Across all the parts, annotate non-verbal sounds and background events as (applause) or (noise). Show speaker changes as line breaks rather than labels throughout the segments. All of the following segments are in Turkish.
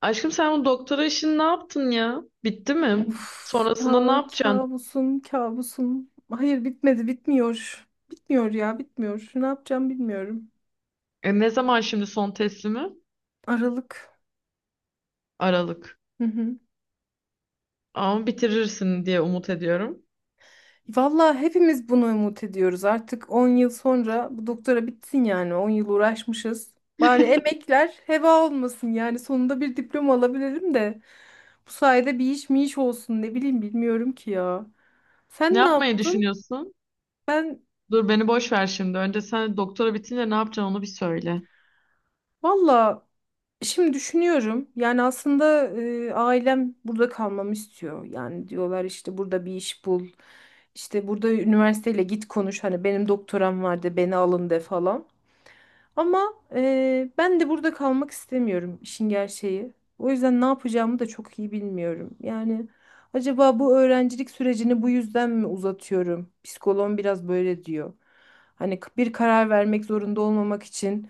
Aşkım sen bu doktora işini ne yaptın ya? Bitti mi?
Of,
Sonrasında ne yapacaksın?
kabusum, kabusum. Hayır, bitmedi, bitmiyor. Bitmiyor ya, bitmiyor. Ne yapacağım bilmiyorum.
Ne zaman şimdi son teslimi?
Aralık.
Aralık.
Hı hı.
Ama bitirirsin diye umut ediyorum.
Vallahi hepimiz bunu umut ediyoruz. Artık 10 yıl sonra bu doktora bitsin yani. 10 yıl uğraşmışız. Bari
(laughs)
emekler heba olmasın yani. Sonunda bir diploma alabilirim de. Bu sayede bir iş mi iş olsun, ne bileyim, bilmiyorum ki ya.
Ne
Sen ne
yapmayı
yaptın?
düşünüyorsun?
Ben
Dur beni boş ver şimdi. Önce sen doktora bitince ne yapacaksın onu bir söyle.
Valla, şimdi düşünüyorum. Yani aslında ailem burada kalmamı istiyor. Yani diyorlar işte, burada bir iş bul. İşte burada üniversiteyle git konuş. Hani benim doktoram vardı, beni alın de falan. Ama ben de burada kalmak istemiyorum, işin gerçeği. O yüzden ne yapacağımı da çok iyi bilmiyorum. Yani acaba bu öğrencilik sürecini bu yüzden mi uzatıyorum? Psikoloğum biraz böyle diyor. Hani bir karar vermek zorunda olmamak için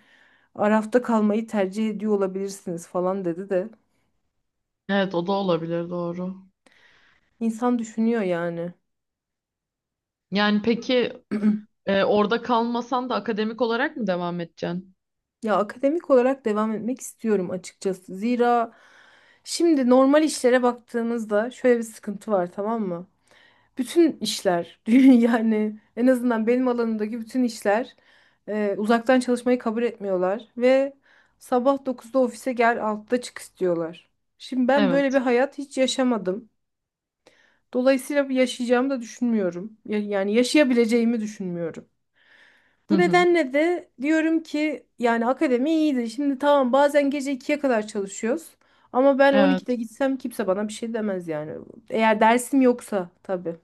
arafta kalmayı tercih ediyor olabilirsiniz falan dedi de.
Evet o da olabilir doğru.
İnsan düşünüyor yani.
Yani peki,
(clears throat)
Orada kalmasan da akademik olarak mı devam edeceksin?
Ya akademik olarak devam etmek istiyorum açıkçası. Zira şimdi normal işlere baktığımızda şöyle bir sıkıntı var, tamam mı? Bütün işler (laughs) yani en azından benim alanımdaki bütün işler uzaktan çalışmayı kabul etmiyorlar ve sabah dokuzda ofise gel 6'da çık istiyorlar. Şimdi ben
Evet.
böyle bir hayat hiç yaşamadım. Dolayısıyla bir yaşayacağımı da düşünmüyorum. Yani yaşayabileceğimi düşünmüyorum.
Hı
Bu
hı.
nedenle de diyorum ki yani akademi iyiydi. Şimdi tamam, bazen gece ikiye kadar çalışıyoruz. Ama ben 12'de
Evet.
gitsem kimse bana bir şey demez yani. Eğer dersim yoksa tabii.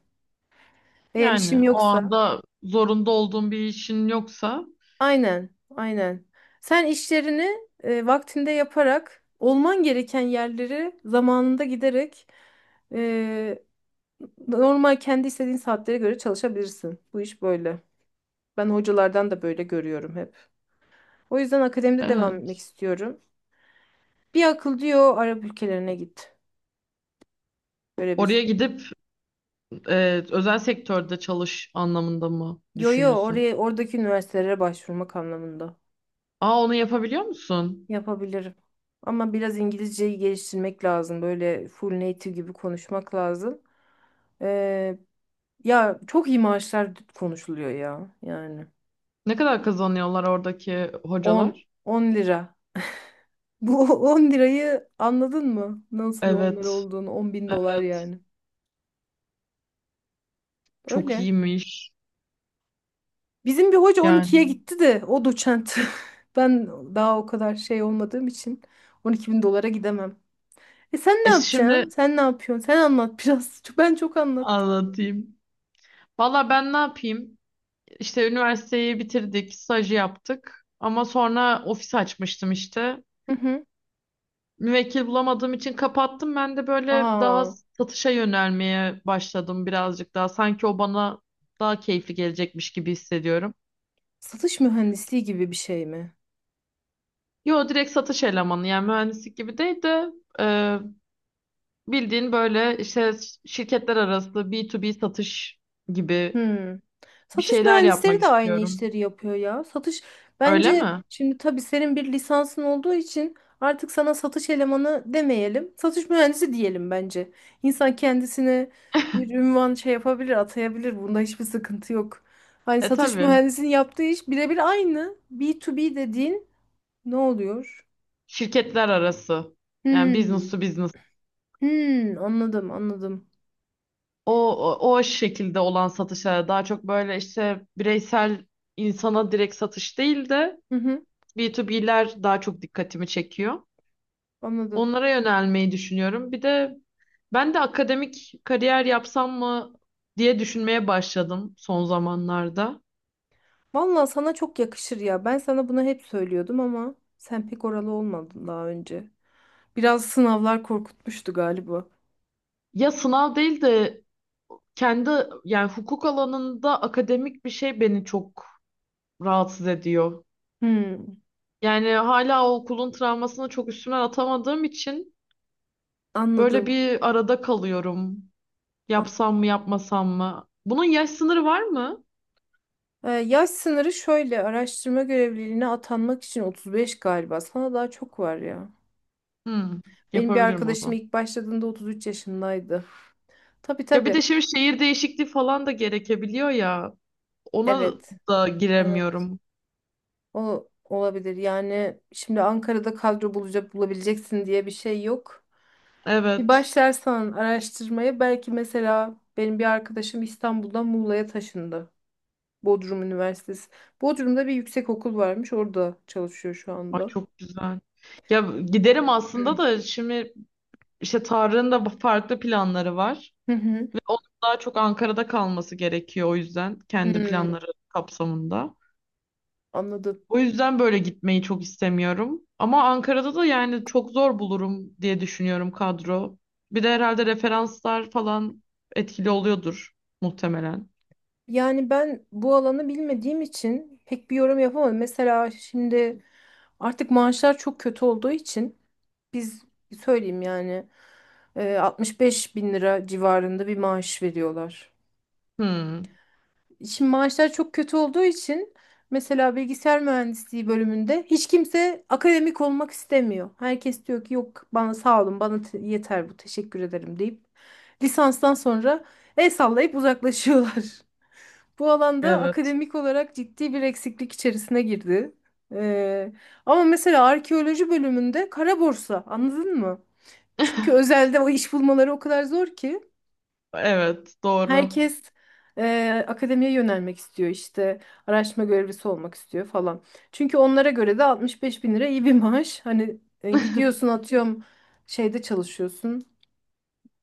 Eğer işim
Yani o
yoksa.
anda zorunda olduğun bir işin yoksa
Aynen, aynen. Sen işlerini vaktinde yaparak, olman gereken yerleri zamanında giderek e, normal kendi istediğin saatlere göre çalışabilirsin. Bu iş böyle. Ben hocalardan da böyle görüyorum hep. O yüzden akademide devam etmek
evet.
istiyorum. Bir akıl diyor Arap ülkelerine git. Böyle
Oraya
bir.
gidip özel sektörde çalış anlamında mı
Yo yo,
düşünüyorsun?
oradaki üniversitelere başvurmak anlamında.
Aa onu yapabiliyor musun?
Yapabilirim. Ama biraz İngilizceyi geliştirmek lazım. Böyle full native gibi konuşmak lazım. Ee, Ya çok iyi maaşlar konuşuluyor ya. Yani
Ne kadar kazanıyorlar oradaki
10
hocalar?
10 lira. Bu (laughs) 10 lirayı anladın mı? Nasıl bir 10 lira
Evet,
olduğunu. 10 bin dolar
evet.
yani.
Çok
Öyle.
iyiymiş.
Bizim bir hoca 12'ye
Yani.
gitti de, o doçent. (laughs) Ben daha o kadar şey olmadığım için 12 bin dolara gidemem. E, sen ne
E şimdi
yapacaksın? Sen ne yapıyorsun? Sen anlat biraz. (laughs) Ben çok anlattım.
anlatayım. Valla ben ne yapayım? İşte üniversiteyi bitirdik, stajı yaptık. Ama sonra ofis açmıştım işte.
Hı hı.
Müvekkil bulamadığım için kapattım. Ben de böyle daha
Aa,
satışa yönelmeye başladım birazcık daha. Sanki o bana daha keyifli gelecekmiş gibi hissediyorum.
satış mühendisliği gibi bir şey mi?
Yo, direkt satış elemanı, yani mühendislik gibi değil de bildiğin böyle işte şirketler arası B2B satış gibi
Hmm.
bir
Satış
şeyler yapmak
mühendisleri de aynı
istiyorum.
işleri yapıyor ya.
Öyle
Bence
mi?
şimdi tabii, senin bir lisansın olduğu için artık sana satış elemanı demeyelim. Satış mühendisi diyelim bence. İnsan kendisine bir ünvan şey yapabilir, atayabilir. Bunda hiçbir sıkıntı yok. Hani
E
satış
tabii.
mühendisinin yaptığı iş birebir aynı. B2B dediğin ne oluyor?
Şirketler arası. Yani
Hmm.
business to business.
Hmm, anladım, anladım.
O, o, o şekilde olan satışlara daha çok, böyle işte bireysel insana direkt satış değil de
Hı hı,
B2B'ler daha çok dikkatimi çekiyor.
anladım.
Onlara yönelmeyi düşünüyorum. Bir de ben de akademik kariyer yapsam mı diye düşünmeye başladım son zamanlarda.
Vallahi sana çok yakışır ya. Ben sana bunu hep söylüyordum ama sen pek oralı olmadın daha önce. Biraz sınavlar korkutmuştu galiba.
Ya sınav değil de kendi, yani hukuk alanında akademik bir şey beni çok rahatsız ediyor.
Hmm,
Yani hala o okulun travmasını çok üstümden atamadığım için böyle
anladım.
bir arada kalıyorum.
An-
Yapsam mı yapmasam mı? Bunun yaş sınırı var mı?
Yaş sınırı şöyle, araştırma görevliliğine atanmak için 35 galiba. Sana daha çok var ya.
Hmm,
Benim bir
yapabilirim o
arkadaşım
zaman.
ilk başladığında 33 yaşındaydı. Tabii,
Ya bir
tabii.
de şimdi şehir değişikliği falan da gerekebiliyor ya. Ona
Evet.
da
Evet.
giremiyorum.
O olabilir. Yani şimdi Ankara'da kadro bulabileceksin diye bir şey yok. Bir
Evet.
başlarsan araştırmaya, belki mesela benim bir arkadaşım İstanbul'dan Muğla'ya taşındı. Bodrum Üniversitesi. Bodrum'da bir yüksekokul varmış. Orada çalışıyor şu
Ay
anda.
çok güzel. Ya giderim
Hı
aslında da şimdi İşte Tarık'ın da farklı planları var.
hı.
Ve
(clears throat)
onun daha çok Ankara'da kalması gerekiyor o yüzden kendi
Hmm,
planları kapsamında.
anladım.
O yüzden böyle gitmeyi çok istemiyorum. Ama Ankara'da da yani çok zor bulurum diye düşünüyorum kadro. Bir de herhalde referanslar falan etkili oluyordur muhtemelen.
Yani ben bu alanı bilmediğim için pek bir yorum yapamadım. Mesela şimdi artık maaşlar çok kötü olduğu için, biz söyleyeyim yani 65 bin lira civarında bir maaş veriyorlar.
Hmm,
Şimdi maaşlar çok kötü olduğu için mesela bilgisayar mühendisliği bölümünde hiç kimse akademik olmak istemiyor. Herkes diyor ki, yok bana sağ olun, bana yeter bu, teşekkür ederim deyip lisanstan sonra el sallayıp uzaklaşıyorlar. (laughs) Bu alanda
evet.
akademik olarak ciddi bir eksiklik içerisine girdi. Ee, Ama mesela arkeoloji bölümünde kara borsa, anladın mı? Çünkü
(laughs)
özelde o iş bulmaları o kadar zor ki.
Evet, doğru.
Herkes akademiye yönelmek istiyor işte, araştırma görevlisi olmak istiyor falan. Çünkü onlara göre de 65 bin lira iyi bir maaş. Hani gidiyorsun atıyorum şeyde çalışıyorsun,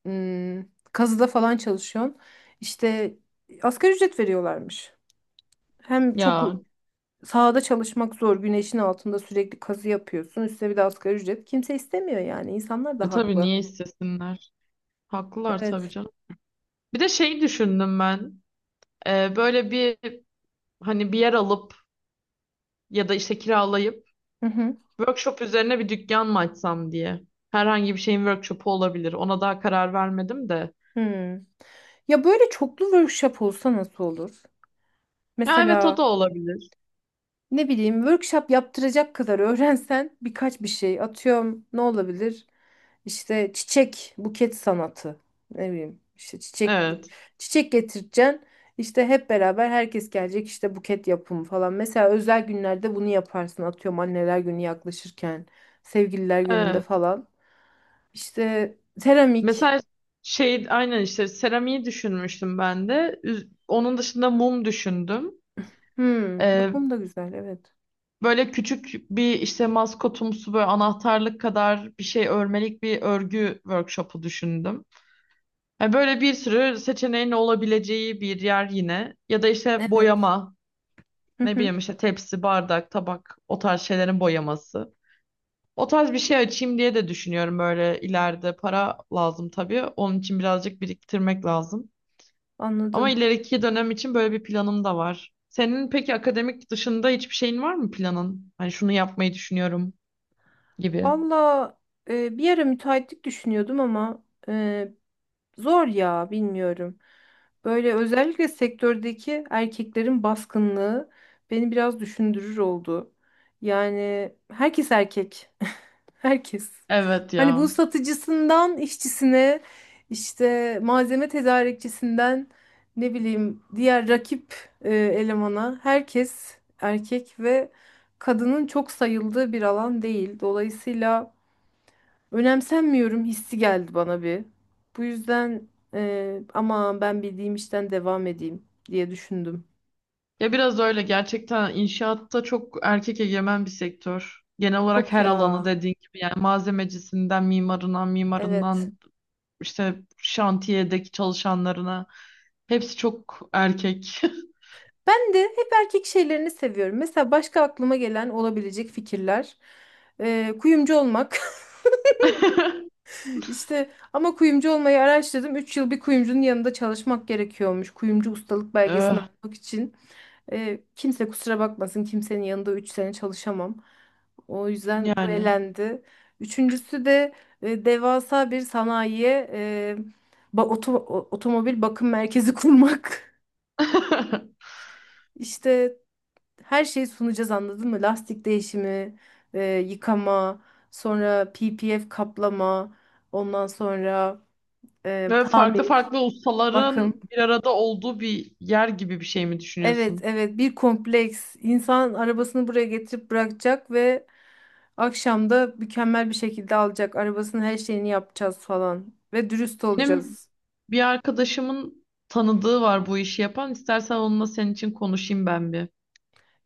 hmm, kazıda falan çalışıyorsun. İşte asgari ücret veriyorlarmış. Hem çok
Ya
sahada çalışmak zor, güneşin altında sürekli kazı yapıyorsun, üstüne bir de asgari ücret. Kimse istemiyor yani, insanlar da
tabii
haklı.
niye istesinler? Haklılar tabii
Evet.
canım. Bir de şey düşündüm ben. Böyle bir, hani bir yer alıp ya da işte kiralayıp
Hı hı.
workshop üzerine bir dükkan mı açsam diye. Herhangi bir şeyin workshopu olabilir. Ona daha karar vermedim de.
Hmm. Ya böyle çoklu workshop olsa nasıl olur?
Ya evet o
Mesela
da olabilir.
ne bileyim workshop yaptıracak kadar öğrensen birkaç bir şey, atıyorum ne olabilir? İşte çiçek buket sanatı, ne bileyim işte çiçek.
Evet.
Çiçek getireceksin, işte hep beraber herkes gelecek, işte buket yapımı falan. Mesela özel günlerde bunu yaparsın, atıyorum anneler günü yaklaşırken sevgililer gününde
Evet.
falan. İşte seramik.
Mesela şey, aynen işte seramiği düşünmüştüm ben de. Onun dışında mum düşündüm.
Hmm, bak
Ee,
bunu da güzel, evet.
Böyle küçük bir işte maskotumsu, böyle anahtarlık kadar bir şey, örmelik bir örgü workshopu düşündüm. Yani böyle bir sürü seçeneğin olabileceği bir yer yine. Ya da işte
Evet.
boyama.
Hı
Ne
hı,
bileyim işte tepsi, bardak, tabak o tarz şeylerin boyaması. O tarz bir şey açayım diye de düşünüyorum böyle, ileride para lazım tabii. Onun için birazcık biriktirmek lazım. Ama
anladım.
ileriki dönem için böyle bir planım da var. Senin peki akademik dışında hiçbir şeyin var mı, planın? Hani şunu yapmayı düşünüyorum gibi.
Valla bir ara müteahhitlik düşünüyordum ama zor ya, bilmiyorum. Böyle özellikle sektördeki erkeklerin baskınlığı beni biraz düşündürür oldu. Yani herkes erkek. (laughs) Herkes.
Evet
Hani bu
ya.
satıcısından işçisine, işte malzeme tedarikçisinden, ne bileyim diğer rakip elemana, herkes erkek ve kadının çok sayıldığı bir alan değil. Dolayısıyla önemsenmiyorum hissi geldi bana bir. Bu yüzden aman, ben bildiğim işten devam edeyim diye düşündüm.
Ya biraz öyle, gerçekten inşaatta çok erkek egemen bir sektör. Genel olarak
Çok
her alanı
ya.
dediğin gibi yani malzemecisinden, mimarından,
Evet.
mimarından işte şantiyedeki çalışanlarına hepsi çok erkek.
Ben de hep erkek şeylerini seviyorum. Mesela başka aklıma gelen olabilecek fikirler. Kuyumcu olmak. (laughs)
(laughs)
İşte ama kuyumcu olmayı araştırdım. 3 yıl bir kuyumcunun yanında çalışmak gerekiyormuş. Kuyumcu ustalık belgesini
Eh,
almak için. Kimse kusura bakmasın, kimsenin yanında 3 sene çalışamam. O yüzden bu
yani.
elendi. Üçüncüsü de devasa bir sanayiye, otomobil bakım merkezi (laughs) kurmak.
(laughs)
İşte her şeyi sunacağız, anladın mı? Lastik değişimi, yıkama, sonra PPF kaplama, ondan sonra
Ve farklı
tamir,
farklı ustaların
bakım.
bir arada olduğu bir yer gibi bir şey mi
Evet,
düşünüyorsun?
evet, bir kompleks. İnsan arabasını buraya getirip bırakacak ve akşam da mükemmel bir şekilde alacak. Arabasının her şeyini yapacağız falan ve dürüst
Benim
olacağız.
bir arkadaşımın tanıdığı var bu işi yapan. İstersen onunla senin için konuşayım ben bir.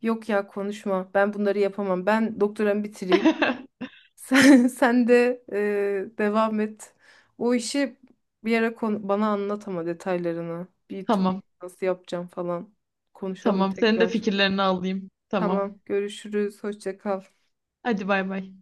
Yok ya, konuşma. Ben bunları yapamam. Ben doktoramı bitireyim.
(laughs)
Sen, (laughs) sen de devam et. O işi bir ara bana anlat ama detaylarını. B2B
Tamam.
nasıl yapacağım falan. Konuşalım
Tamam. Senin de
tekrar.
fikirlerini alayım. Tamam.
Tamam, görüşürüz. Hoşça kal.
Hadi bay bay.